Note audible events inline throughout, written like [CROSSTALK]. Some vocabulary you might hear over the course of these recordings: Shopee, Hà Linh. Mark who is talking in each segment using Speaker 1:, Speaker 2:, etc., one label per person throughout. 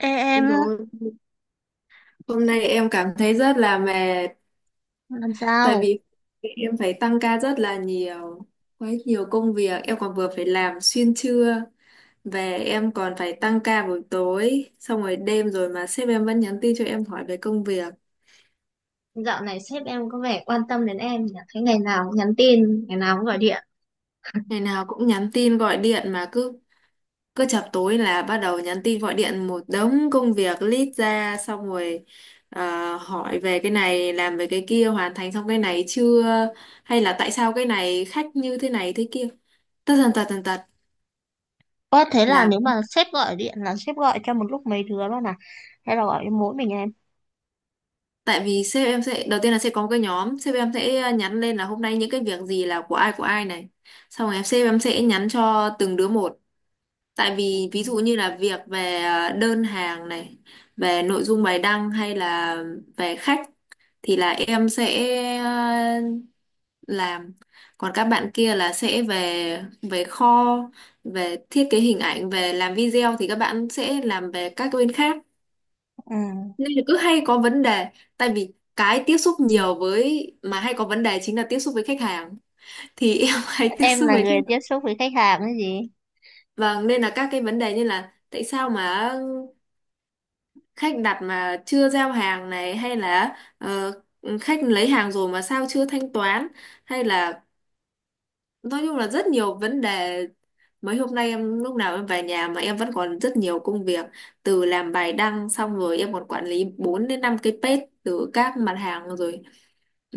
Speaker 1: Ê, em
Speaker 2: Đúng rồi. Hôm nay em cảm thấy rất là mệt
Speaker 1: làm
Speaker 2: tại
Speaker 1: sao?
Speaker 2: vì em phải tăng ca rất là nhiều, quá nhiều công việc, em còn vừa phải làm xuyên trưa, về em còn phải tăng ca buổi tối, xong rồi đêm rồi mà sếp em vẫn nhắn tin cho em hỏi về công việc.
Speaker 1: Dạo này sếp em có vẻ quan tâm đến em nhỉ? Thấy ngày nào cũng nhắn tin, ngày nào cũng gọi điện.
Speaker 2: Ngày nào cũng nhắn tin gọi điện mà cứ cứ chập tối là bắt đầu nhắn tin gọi điện một đống công việc list ra, xong rồi hỏi về cái này, làm về cái kia, hoàn thành xong cái này chưa, hay là tại sao cái này khách như thế này thế kia, tất tần tật tần tật.
Speaker 1: Ơ thế là
Speaker 2: là
Speaker 1: nếu mà sếp gọi điện là sếp gọi cho một lúc mấy đứa luôn à? Hay là gọi cho mỗi mình em?
Speaker 2: Tại vì sếp em sẽ đầu tiên là sẽ có một cái nhóm, sếp em sẽ nhắn lên là hôm nay những cái việc gì là của ai này, xong rồi sếp em sẽ nhắn cho từng đứa một. Tại vì ví dụ như là việc về đơn hàng này, về nội dung bài đăng, hay là về khách thì là em sẽ ờ, làm, còn các bạn kia là sẽ về về kho, về thiết kế hình ảnh, về làm video, thì các bạn sẽ làm về các bên khác.
Speaker 1: Ừ.
Speaker 2: Nên là cứ hay có vấn đề, tại vì cái tiếp xúc nhiều với mà hay có vấn đề chính là tiếp xúc với khách hàng, thì em [LAUGHS] hay tiếp
Speaker 1: Em
Speaker 2: xúc
Speaker 1: là
Speaker 2: với khách
Speaker 1: người
Speaker 2: hàng.
Speaker 1: tiếp xúc với khách hàng hay gì?
Speaker 2: Vâng, nên là các cái vấn đề như là tại sao mà khách đặt mà chưa giao hàng này, hay là khách lấy hàng rồi mà sao chưa thanh toán, hay là nói chung là rất nhiều vấn đề. Mấy hôm nay em lúc nào em về nhà mà em vẫn còn rất nhiều công việc, từ làm bài đăng xong rồi em còn quản lý 4 đến 5 cái page, từ các mặt hàng rồi,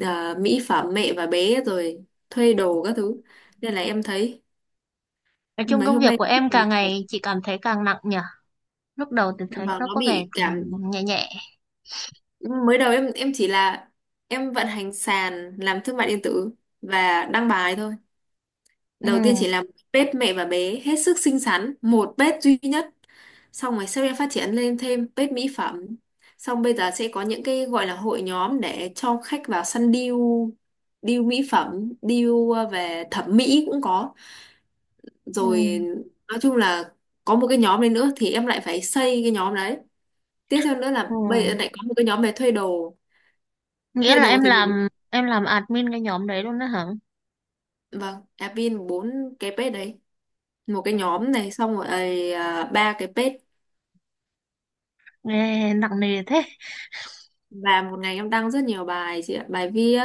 Speaker 2: à, mỹ phẩm, mẹ và bé, rồi thuê đồ các thứ, nên là em thấy
Speaker 1: Nói chung
Speaker 2: mấy
Speaker 1: công
Speaker 2: hôm
Speaker 1: việc
Speaker 2: nay
Speaker 1: của
Speaker 2: rất
Speaker 1: em
Speaker 2: là nhiều
Speaker 1: càng
Speaker 2: việc.
Speaker 1: ngày chị cảm thấy càng nặng nhỉ? Lúc đầu thì thấy
Speaker 2: Và
Speaker 1: nó
Speaker 2: nó
Speaker 1: có vẻ
Speaker 2: bị cảm.
Speaker 1: nhẹ nhẹ.
Speaker 2: Mới đầu em chỉ là em vận hành sàn, làm thương mại điện tử và đăng bài thôi.
Speaker 1: Ừ.
Speaker 2: Đầu tiên chỉ làm page mẹ và bé hết sức xinh xắn, một page duy nhất, xong rồi sau em phát triển lên thêm page mỹ phẩm, xong bây giờ sẽ có những cái gọi là hội nhóm để cho khách vào săn deal, deal mỹ phẩm, deal về thẩm mỹ cũng có,
Speaker 1: Ừ.
Speaker 2: rồi nói chung là có một cái nhóm đấy nữa thì em lại phải xây cái nhóm đấy. Tiếp theo nữa là
Speaker 1: Ừ.
Speaker 2: bây giờ lại có một cái nhóm về thuê đồ.
Speaker 1: Nghĩa
Speaker 2: Thuê
Speaker 1: là
Speaker 2: đồ
Speaker 1: em
Speaker 2: thì mình,
Speaker 1: làm em làm admin cái nhóm đấy luôn đó hả?
Speaker 2: vâng, admin bốn cái page đấy, một cái nhóm này, xong rồi ấy, à, ba cái page.
Speaker 1: Nghe nặng nề thế.
Speaker 2: Và một ngày em đăng rất nhiều bài, chị ạ, bài viết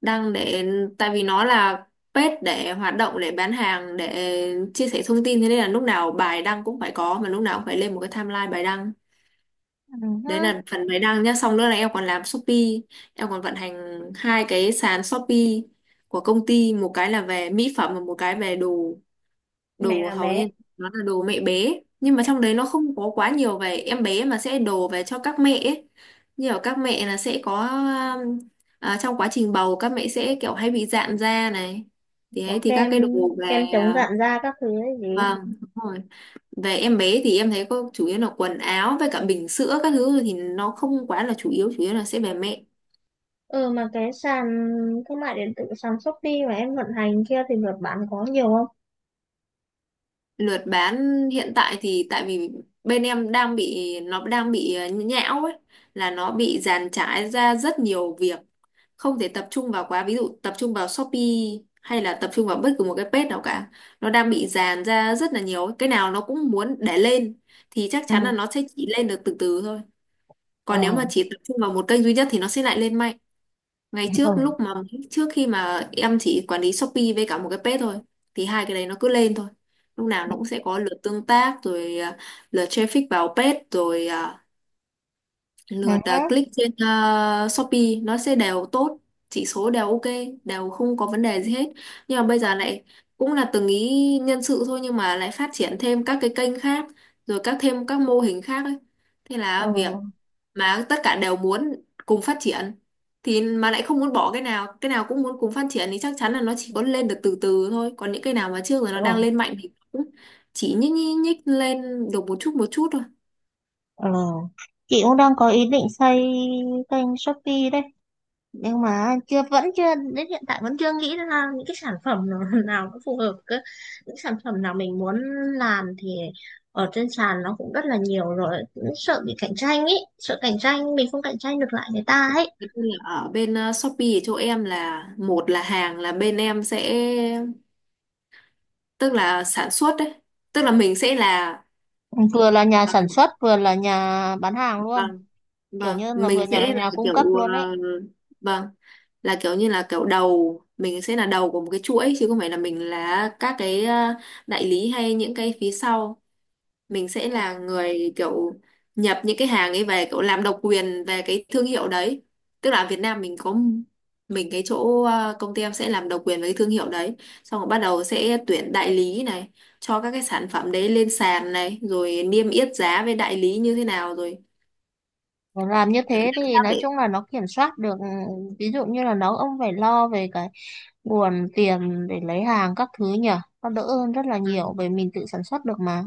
Speaker 2: đăng để, tại vì nó là page để hoạt động, để bán hàng, để chia sẻ thông tin, thế nên là lúc nào bài đăng cũng phải có, mà lúc nào cũng phải lên một cái timeline bài đăng.
Speaker 1: Ừ.
Speaker 2: Đấy là phần máy đăng nhá, xong nữa là em còn làm Shopee, em còn vận hành hai cái sàn Shopee của công ty, một cái là về mỹ phẩm và một cái về đồ.
Speaker 1: Mẹ
Speaker 2: Đồ
Speaker 1: là
Speaker 2: hầu
Speaker 1: bé.
Speaker 2: như nó là đồ mẹ bé nhưng mà trong đấy nó không có quá nhiều về em bé mà sẽ đồ về cho các mẹ ấy. Như ở các mẹ là sẽ có um, à, trong quá trình bầu các mẹ sẽ kiểu hay bị rạn da này, thì ấy
Speaker 1: Có
Speaker 2: thì các
Speaker 1: kem,
Speaker 2: cái đồ về,
Speaker 1: kem chống
Speaker 2: à,
Speaker 1: rạn da các thứ ấy gì.
Speaker 2: vâng, đúng rồi. Về em bé thì em thấy có chủ yếu là quần áo với cả bình sữa các thứ, thì nó không quá là chủ yếu, chủ yếu là sẽ về mẹ.
Speaker 1: Ừ, mà cái sàn thương mại điện tử, sàn Shopee mà em vận hành kia thì lượt bán có nhiều không?
Speaker 2: Lượt bán hiện tại thì tại vì bên em đang bị, nó đang bị nhão ấy, là nó bị dàn trải ra rất nhiều việc, không thể tập trung vào quá, ví dụ tập trung vào Shopee hay là tập trung vào bất cứ một cái page nào cả. Nó đang bị dàn ra rất là nhiều ấy, cái nào nó cũng muốn để lên thì chắc chắn
Speaker 1: Ừ.
Speaker 2: là nó sẽ chỉ lên được từ từ thôi.
Speaker 1: Ờ.
Speaker 2: Còn nếu mà chỉ tập trung vào một kênh duy nhất thì nó sẽ lại lên mạnh. Ngày trước
Speaker 1: Ờ.
Speaker 2: lúc mà trước khi mà em chỉ quản lý Shopee với cả một cái page thôi thì hai cái đấy nó cứ lên thôi. Lúc nào nó cũng sẽ có lượt tương tác, rồi à, lượt traffic vào page, rồi à, lượt
Speaker 1: Hả?
Speaker 2: à, click trên à, Shopee, nó sẽ đều tốt, chỉ số đều ok, đều không có vấn đề gì hết. Nhưng mà bây giờ lại cũng là từng ý nhân sự thôi nhưng mà lại phát triển thêm các cái kênh khác, rồi thêm các mô hình khác ấy. Thế
Speaker 1: Ờ.
Speaker 2: là việc mà tất cả đều muốn cùng phát triển, thì mà lại không muốn bỏ cái nào, cái nào cũng muốn cùng phát triển thì chắc chắn là nó chỉ có lên được từ từ thôi, còn những cái nào mà trước rồi
Speaker 1: Ờ.
Speaker 2: nó đang lên mạnh thì cũng chỉ nhích nhích, nhích lên được một chút thôi.
Speaker 1: Ờ. Chị cũng đang có ý định xây kênh Shopee đấy, nhưng mà chưa vẫn chưa, đến hiện tại vẫn chưa nghĩ ra những cái sản phẩm nào, [LAUGHS] nào nó phù hợp cơ. Những sản phẩm nào mình muốn làm thì ở trên sàn nó cũng rất là nhiều rồi, cũng sợ bị cạnh tranh ấy, sợ cạnh tranh mình không cạnh tranh được lại người ta ấy.
Speaker 2: Thế nên là ở bên Shopee ở chỗ em là, một là hàng là bên em sẽ, tức là sản xuất đấy, tức là mình sẽ là,
Speaker 1: Vừa là nhà
Speaker 2: ờ,
Speaker 1: sản xuất vừa là nhà bán hàng luôn.
Speaker 2: vâng,
Speaker 1: Kiểu
Speaker 2: vâng,
Speaker 1: như là vừa
Speaker 2: mình
Speaker 1: nhà
Speaker 2: sẽ là
Speaker 1: nhà cung cấp
Speaker 2: kiểu,
Speaker 1: luôn ấy.
Speaker 2: vâng, là kiểu như là kiểu đầu, mình sẽ là đầu của một cái chuỗi chứ không phải là mình là các cái đại lý hay những cái phía sau. Mình sẽ là người kiểu nhập những cái hàng ấy về, kiểu làm độc quyền về cái thương hiệu đấy. Tức là ở Việt Nam mình có, mình cái chỗ công ty em sẽ làm độc quyền với cái thương hiệu đấy, xong rồi bắt đầu sẽ tuyển đại lý này cho các cái sản phẩm đấy lên sàn này, rồi niêm yết giá với đại lý như thế nào, rồi
Speaker 1: Mà làm như
Speaker 2: làm
Speaker 1: thế thì
Speaker 2: sao
Speaker 1: nói
Speaker 2: để…
Speaker 1: chung là nó kiểm soát được, ví dụ như là nó ông phải lo về cái nguồn tiền để lấy hàng các thứ nhỉ. Nó đỡ hơn rất là
Speaker 2: Ừ.
Speaker 1: nhiều bởi mình tự sản xuất được mà.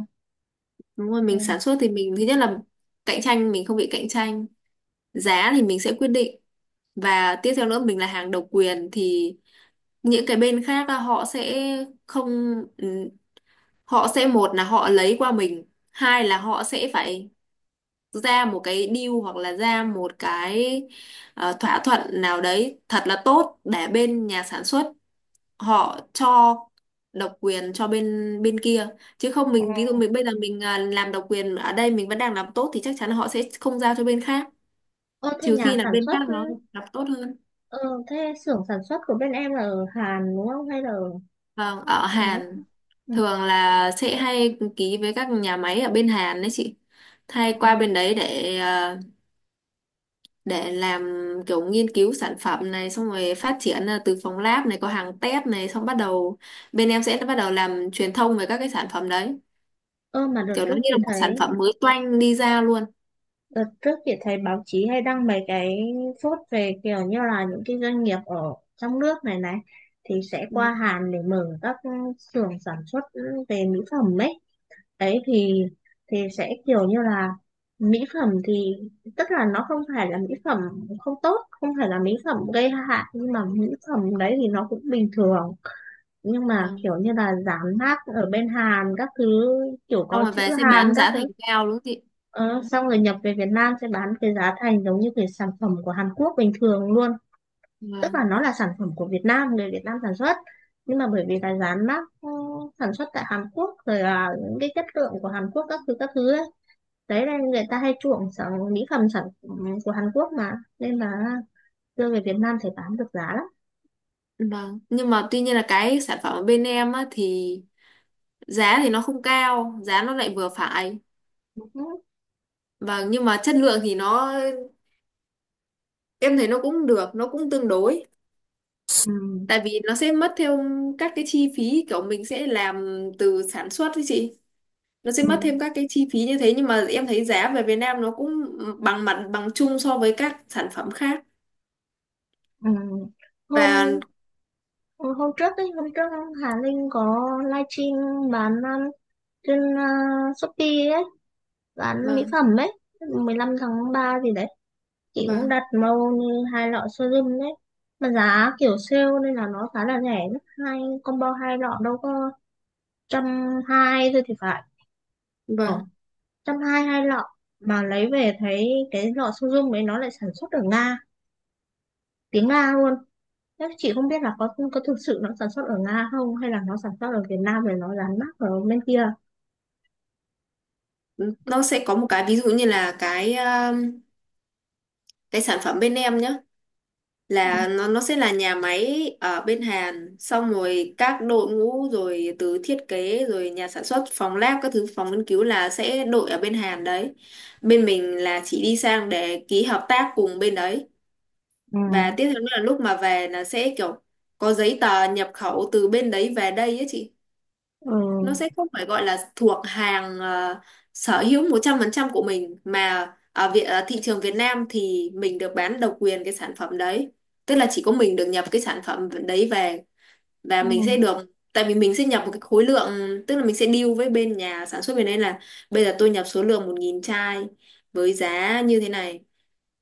Speaker 2: Đúng rồi,
Speaker 1: Ừ.
Speaker 2: mình sản xuất thì mình thứ nhất là cạnh tranh, mình không bị cạnh tranh, giá thì mình sẽ quyết định. Và tiếp theo nữa mình là hàng độc quyền thì những cái bên khác á, họ sẽ không, ừ, họ sẽ một là họ lấy qua mình, hai là họ sẽ phải ra một cái deal hoặc là ra một cái thỏa thuận nào đấy thật là tốt để bên nhà sản xuất họ cho độc quyền cho bên bên kia, chứ không mình ví dụ mình bây giờ mình, à, làm độc quyền ở đây mình vẫn đang làm tốt thì chắc chắn là họ sẽ không giao cho bên khác,
Speaker 1: Ơ thế
Speaker 2: trừ
Speaker 1: nhà
Speaker 2: khi là
Speaker 1: sản
Speaker 2: bên khác
Speaker 1: xuất,
Speaker 2: nó làm tốt hơn.
Speaker 1: ờ, thế xưởng sản xuất của bên em là ở Hàn đúng không hay là ở
Speaker 2: Vâng, ở
Speaker 1: ở nước.
Speaker 2: Hàn,
Speaker 1: Ừ.
Speaker 2: thường là sẽ hay ký với các nhà máy ở bên Hàn đấy chị, hay qua bên đấy để à, để làm kiểu nghiên cứu sản phẩm này, xong rồi phát triển à, từ phòng lab này, có hàng test này, xong bắt đầu bên em sẽ bắt đầu làm truyền thông về các cái sản phẩm đấy,
Speaker 1: Ơ mà đợt
Speaker 2: kiểu nó
Speaker 1: trước
Speaker 2: như
Speaker 1: chị
Speaker 2: là một sản
Speaker 1: thấy
Speaker 2: phẩm mới toanh đi ra luôn.
Speaker 1: Đợt trước chị thấy báo chí hay đăng mấy cái phốt về kiểu như là những cái doanh nghiệp ở trong nước này này thì sẽ qua
Speaker 2: Vâng.
Speaker 1: Hàn để mở các xưởng sản xuất về mỹ phẩm ấy. Đấy thì sẽ kiểu như là mỹ phẩm thì, tức là nó không phải là mỹ phẩm không tốt, không phải là mỹ phẩm gây hại, nhưng mà mỹ phẩm đấy thì nó cũng bình thường, nhưng mà
Speaker 2: Vâng,
Speaker 1: kiểu như là dán mác ở bên Hàn các thứ, kiểu
Speaker 2: xong
Speaker 1: có
Speaker 2: rồi
Speaker 1: chữ
Speaker 2: về sẽ
Speaker 1: Hàn
Speaker 2: bán
Speaker 1: các
Speaker 2: giá thành
Speaker 1: thứ.
Speaker 2: cao đúng không chị.
Speaker 1: Ờ, xong rồi nhập về Việt Nam sẽ bán cái giá thành giống như cái sản phẩm của Hàn Quốc bình thường luôn. Tức
Speaker 2: Vâng.
Speaker 1: là nó là sản phẩm của Việt Nam, người Việt Nam sản xuất, nhưng mà bởi vì là dán mác, sản xuất tại Hàn Quốc, rồi là những cái chất lượng của Hàn Quốc các thứ ấy. Đấy nên người ta hay chuộng sản mỹ phẩm sản phẩm của Hàn Quốc mà, nên là đưa về Việt Nam thì bán được giá lắm.
Speaker 2: Vâng, nhưng mà tuy nhiên là cái sản phẩm ở bên em á, thì giá thì nó không cao, giá nó lại vừa phải.
Speaker 1: Ừ.
Speaker 2: Vâng, nhưng mà chất lượng thì nó em thấy nó cũng được, nó cũng tương đối.
Speaker 1: Ừ.
Speaker 2: Tại vì nó sẽ mất theo các cái chi phí kiểu mình sẽ làm từ sản xuất ấy chị. Nó sẽ
Speaker 1: Ừ.
Speaker 2: mất thêm các cái chi phí như thế nhưng mà em thấy giá về Việt Nam nó cũng bằng mặt bằng chung so với các sản phẩm khác.
Speaker 1: Ừ. Hôm
Speaker 2: Và
Speaker 1: Ừ, Hôm trước ấy, hôm trước Hà Linh có livestream bán trên Shopee ấy, bán mỹ
Speaker 2: vâng,
Speaker 1: phẩm ấy, 15 tháng 3 gì đấy. Chị cũng
Speaker 2: vâng.
Speaker 1: đặt màu như hai lọ serum đấy. Mà giá kiểu sale nên là nó khá là rẻ. Hai combo hai lọ đâu có 120 thôi thì phải.
Speaker 2: Vâng,
Speaker 1: Ờ, 120 hai lọ. Mà lấy về thấy cái lọ serum ấy nó lại sản xuất ở Nga, tiếng Nga luôn. Thế chị không biết là có thực sự nó sản xuất ở Nga không hay là nó sản xuất ở Việt Nam để nó dán mác ở bên kia.
Speaker 2: nó sẽ có một cái ví dụ như là cái sản phẩm bên em nhé, là nó sẽ là nhà máy ở bên Hàn, xong rồi các đội ngũ rồi từ thiết kế rồi nhà sản xuất phòng lab các thứ, phòng nghiên cứu là sẽ đội ở bên Hàn đấy. Bên mình là chỉ đi sang để ký hợp tác cùng bên đấy,
Speaker 1: Ừ,
Speaker 2: và tiếp theo nữa là lúc mà về là sẽ kiểu có giấy tờ nhập khẩu từ bên đấy về đây ấy chị.
Speaker 1: ừ,
Speaker 2: Nó sẽ không phải gọi là thuộc hàng, sở hữu 100% của mình, mà ở Việt, ở thị trường Việt Nam thì mình được bán độc quyền cái sản phẩm đấy, tức là chỉ có mình được nhập cái sản phẩm đấy về, và
Speaker 1: ừ,
Speaker 2: mình sẽ được. Tại vì mình sẽ nhập một cái khối lượng, tức là mình sẽ deal với bên nhà sản xuất bên đấy là bây giờ tôi nhập số lượng 1000 chai với giá như thế này,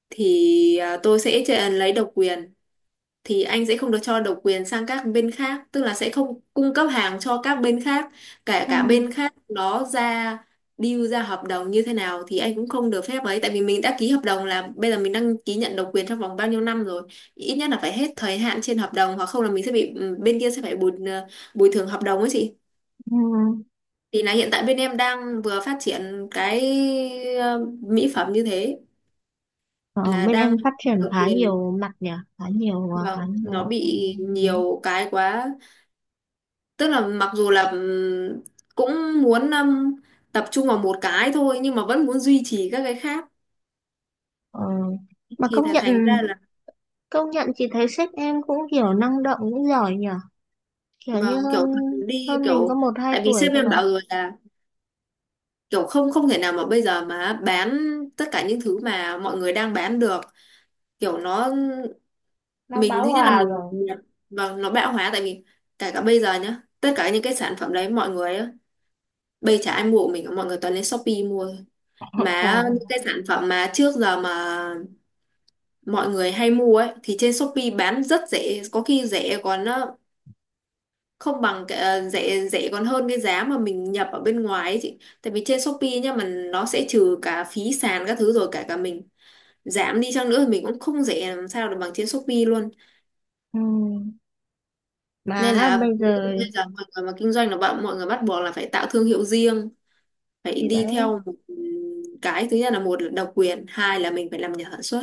Speaker 2: thì tôi sẽ lấy độc quyền, thì anh sẽ không được cho độc quyền sang các bên khác, tức là sẽ không cung cấp hàng cho các bên khác, cả
Speaker 1: ừ,
Speaker 2: cả bên khác đó ra, deal ra hợp đồng như thế nào thì anh cũng không được phép ấy. Tại vì mình đã ký hợp đồng là bây giờ mình đăng ký nhận độc quyền trong vòng bao nhiêu năm rồi, ít nhất là phải hết thời hạn trên hợp đồng, hoặc không là mình sẽ bị, bên kia sẽ phải bồi thường hợp đồng ấy chị.
Speaker 1: ừ.
Speaker 2: Thì là hiện tại bên em đang vừa phát triển cái mỹ phẩm như thế,
Speaker 1: Ờ,
Speaker 2: là
Speaker 1: bên em
Speaker 2: đang
Speaker 1: phát triển
Speaker 2: độc
Speaker 1: khá
Speaker 2: quyền.
Speaker 1: nhiều mặt nhỉ, khá nhiều, ờ, khá
Speaker 2: Vâng, nó
Speaker 1: nhiều, ừ,
Speaker 2: bị
Speaker 1: đấy.
Speaker 2: nhiều cái quá, tức là mặc dù là cũng muốn tập trung vào một cái thôi, nhưng mà vẫn muốn duy trì các cái khác,
Speaker 1: Ờ, mà
Speaker 2: thì là thành ra là
Speaker 1: công nhận chị thấy sếp em cũng kiểu năng động cũng giỏi nhỉ, kiểu như
Speaker 2: vâng,
Speaker 1: hơn
Speaker 2: kiểu thường đi
Speaker 1: hơn mình có
Speaker 2: kiểu.
Speaker 1: một hai
Speaker 2: Tại vì
Speaker 1: tuổi
Speaker 2: sếp
Speaker 1: thôi
Speaker 2: em
Speaker 1: mà,
Speaker 2: bảo rồi là kiểu không, không thể nào mà bây giờ mà bán tất cả những thứ mà mọi người đang bán được, kiểu nó
Speaker 1: nó
Speaker 2: mình
Speaker 1: bão
Speaker 2: thứ nhất là
Speaker 1: hòa
Speaker 2: mình
Speaker 1: rồi.
Speaker 2: vâng, nó bão hòa. Tại vì kể cả bây giờ nhá, tất cả những cái sản phẩm đấy mọi người á, bây chả ai mua của mình cả, mọi người toàn lên Shopee mua thôi.
Speaker 1: [LAUGHS]
Speaker 2: Mà những
Speaker 1: Ồ.
Speaker 2: cái sản phẩm mà trước giờ mà mọi người hay mua ấy thì trên Shopee bán rất rẻ, có khi rẻ còn, không bằng cái, rẻ rẻ còn hơn cái giá mà mình nhập ở bên ngoài ấy chị. Tại vì trên Shopee nhá, mà nó sẽ trừ cả phí sàn các thứ, rồi cả cả mình giảm đi chăng nữa thì mình cũng không rẻ làm sao được bằng trên Shopee luôn.
Speaker 1: Ừ.
Speaker 2: Nên
Speaker 1: Mà
Speaker 2: là
Speaker 1: bây giờ
Speaker 2: bây giờ mọi người mà kinh doanh là bạn, mọi người bắt buộc là phải tạo thương hiệu riêng, phải
Speaker 1: thì
Speaker 2: đi
Speaker 1: đấy
Speaker 2: theo một cái. Thứ nhất là một là độc quyền, hai là mình phải làm nhà sản xuất,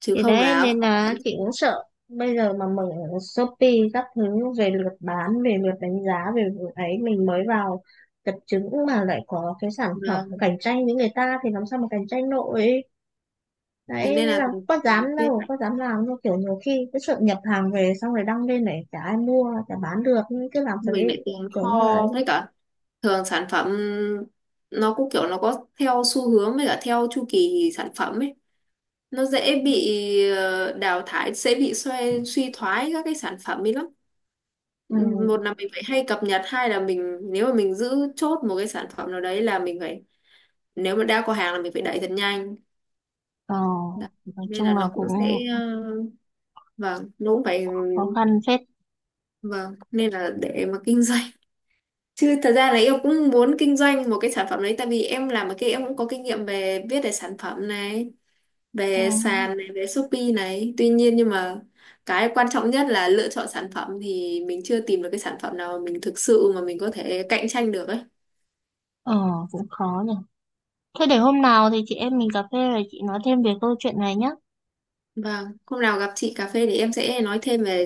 Speaker 2: chứ
Speaker 1: thì
Speaker 2: không
Speaker 1: đấy
Speaker 2: là
Speaker 1: nên là chị cũng sợ bây giờ mà mở Shopee các thứ, về lượt bán, về lượt đánh giá, về lượt ấy, mình mới vào tập trứng mà lại có cái sản phẩm
Speaker 2: vâng.
Speaker 1: cạnh tranh với người ta thì làm sao mà cạnh tranh nổi. Đấy
Speaker 2: Thế nên
Speaker 1: nên
Speaker 2: là
Speaker 1: là có dám đâu, có dám làm đâu, kiểu nhiều khi cứ sợ nhập hàng về xong rồi đăng lên này chả ai mua, chả bán được, nhưng cứ làm thật
Speaker 2: mình
Speaker 1: đấy,
Speaker 2: lại tồn
Speaker 1: kiểu như là
Speaker 2: kho,
Speaker 1: ấy.
Speaker 2: với cả thường sản phẩm nó cũng kiểu nó có theo xu hướng với cả theo chu kỳ sản phẩm ấy, nó dễ bị đào thải, dễ bị suy suy thoái các cái sản phẩm ấy lắm.
Speaker 1: Ừ.
Speaker 2: Một là mình phải hay cập nhật, hai là mình nếu mà mình giữ chốt một cái sản phẩm nào đấy là mình phải, nếu mà đã có hàng là mình phải đẩy thật nhanh.
Speaker 1: Ờ,
Speaker 2: Đó.
Speaker 1: nói
Speaker 2: Nên là
Speaker 1: chung là
Speaker 2: nó cũng sẽ
Speaker 1: cũng
Speaker 2: ờ, vâng nó cũng phải
Speaker 1: khó khăn phết.
Speaker 2: vâng, nên là để mà kinh [LAUGHS] doanh. Chứ thật ra là em cũng muốn kinh doanh một cái sản phẩm đấy, tại vì em làm ở kia em cũng có kinh nghiệm về viết về sản phẩm này,
Speaker 1: Ừ.
Speaker 2: về sàn này, về Shopee này. Tuy nhiên nhưng mà cái quan trọng nhất là lựa chọn sản phẩm, thì mình chưa tìm được cái sản phẩm nào mà mình thực sự mà mình có thể cạnh tranh được ấy.
Speaker 1: Ờ, cũng khó nhỉ. Thế để hôm nào thì chị em mình cà phê rồi chị nói thêm về câu chuyện này nhé.
Speaker 2: Vâng, hôm nào gặp chị cà phê thì em sẽ nói thêm về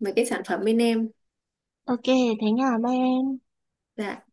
Speaker 2: về cái sản phẩm bên em.
Speaker 1: Ok, thế nha, bye em.
Speaker 2: Dạ.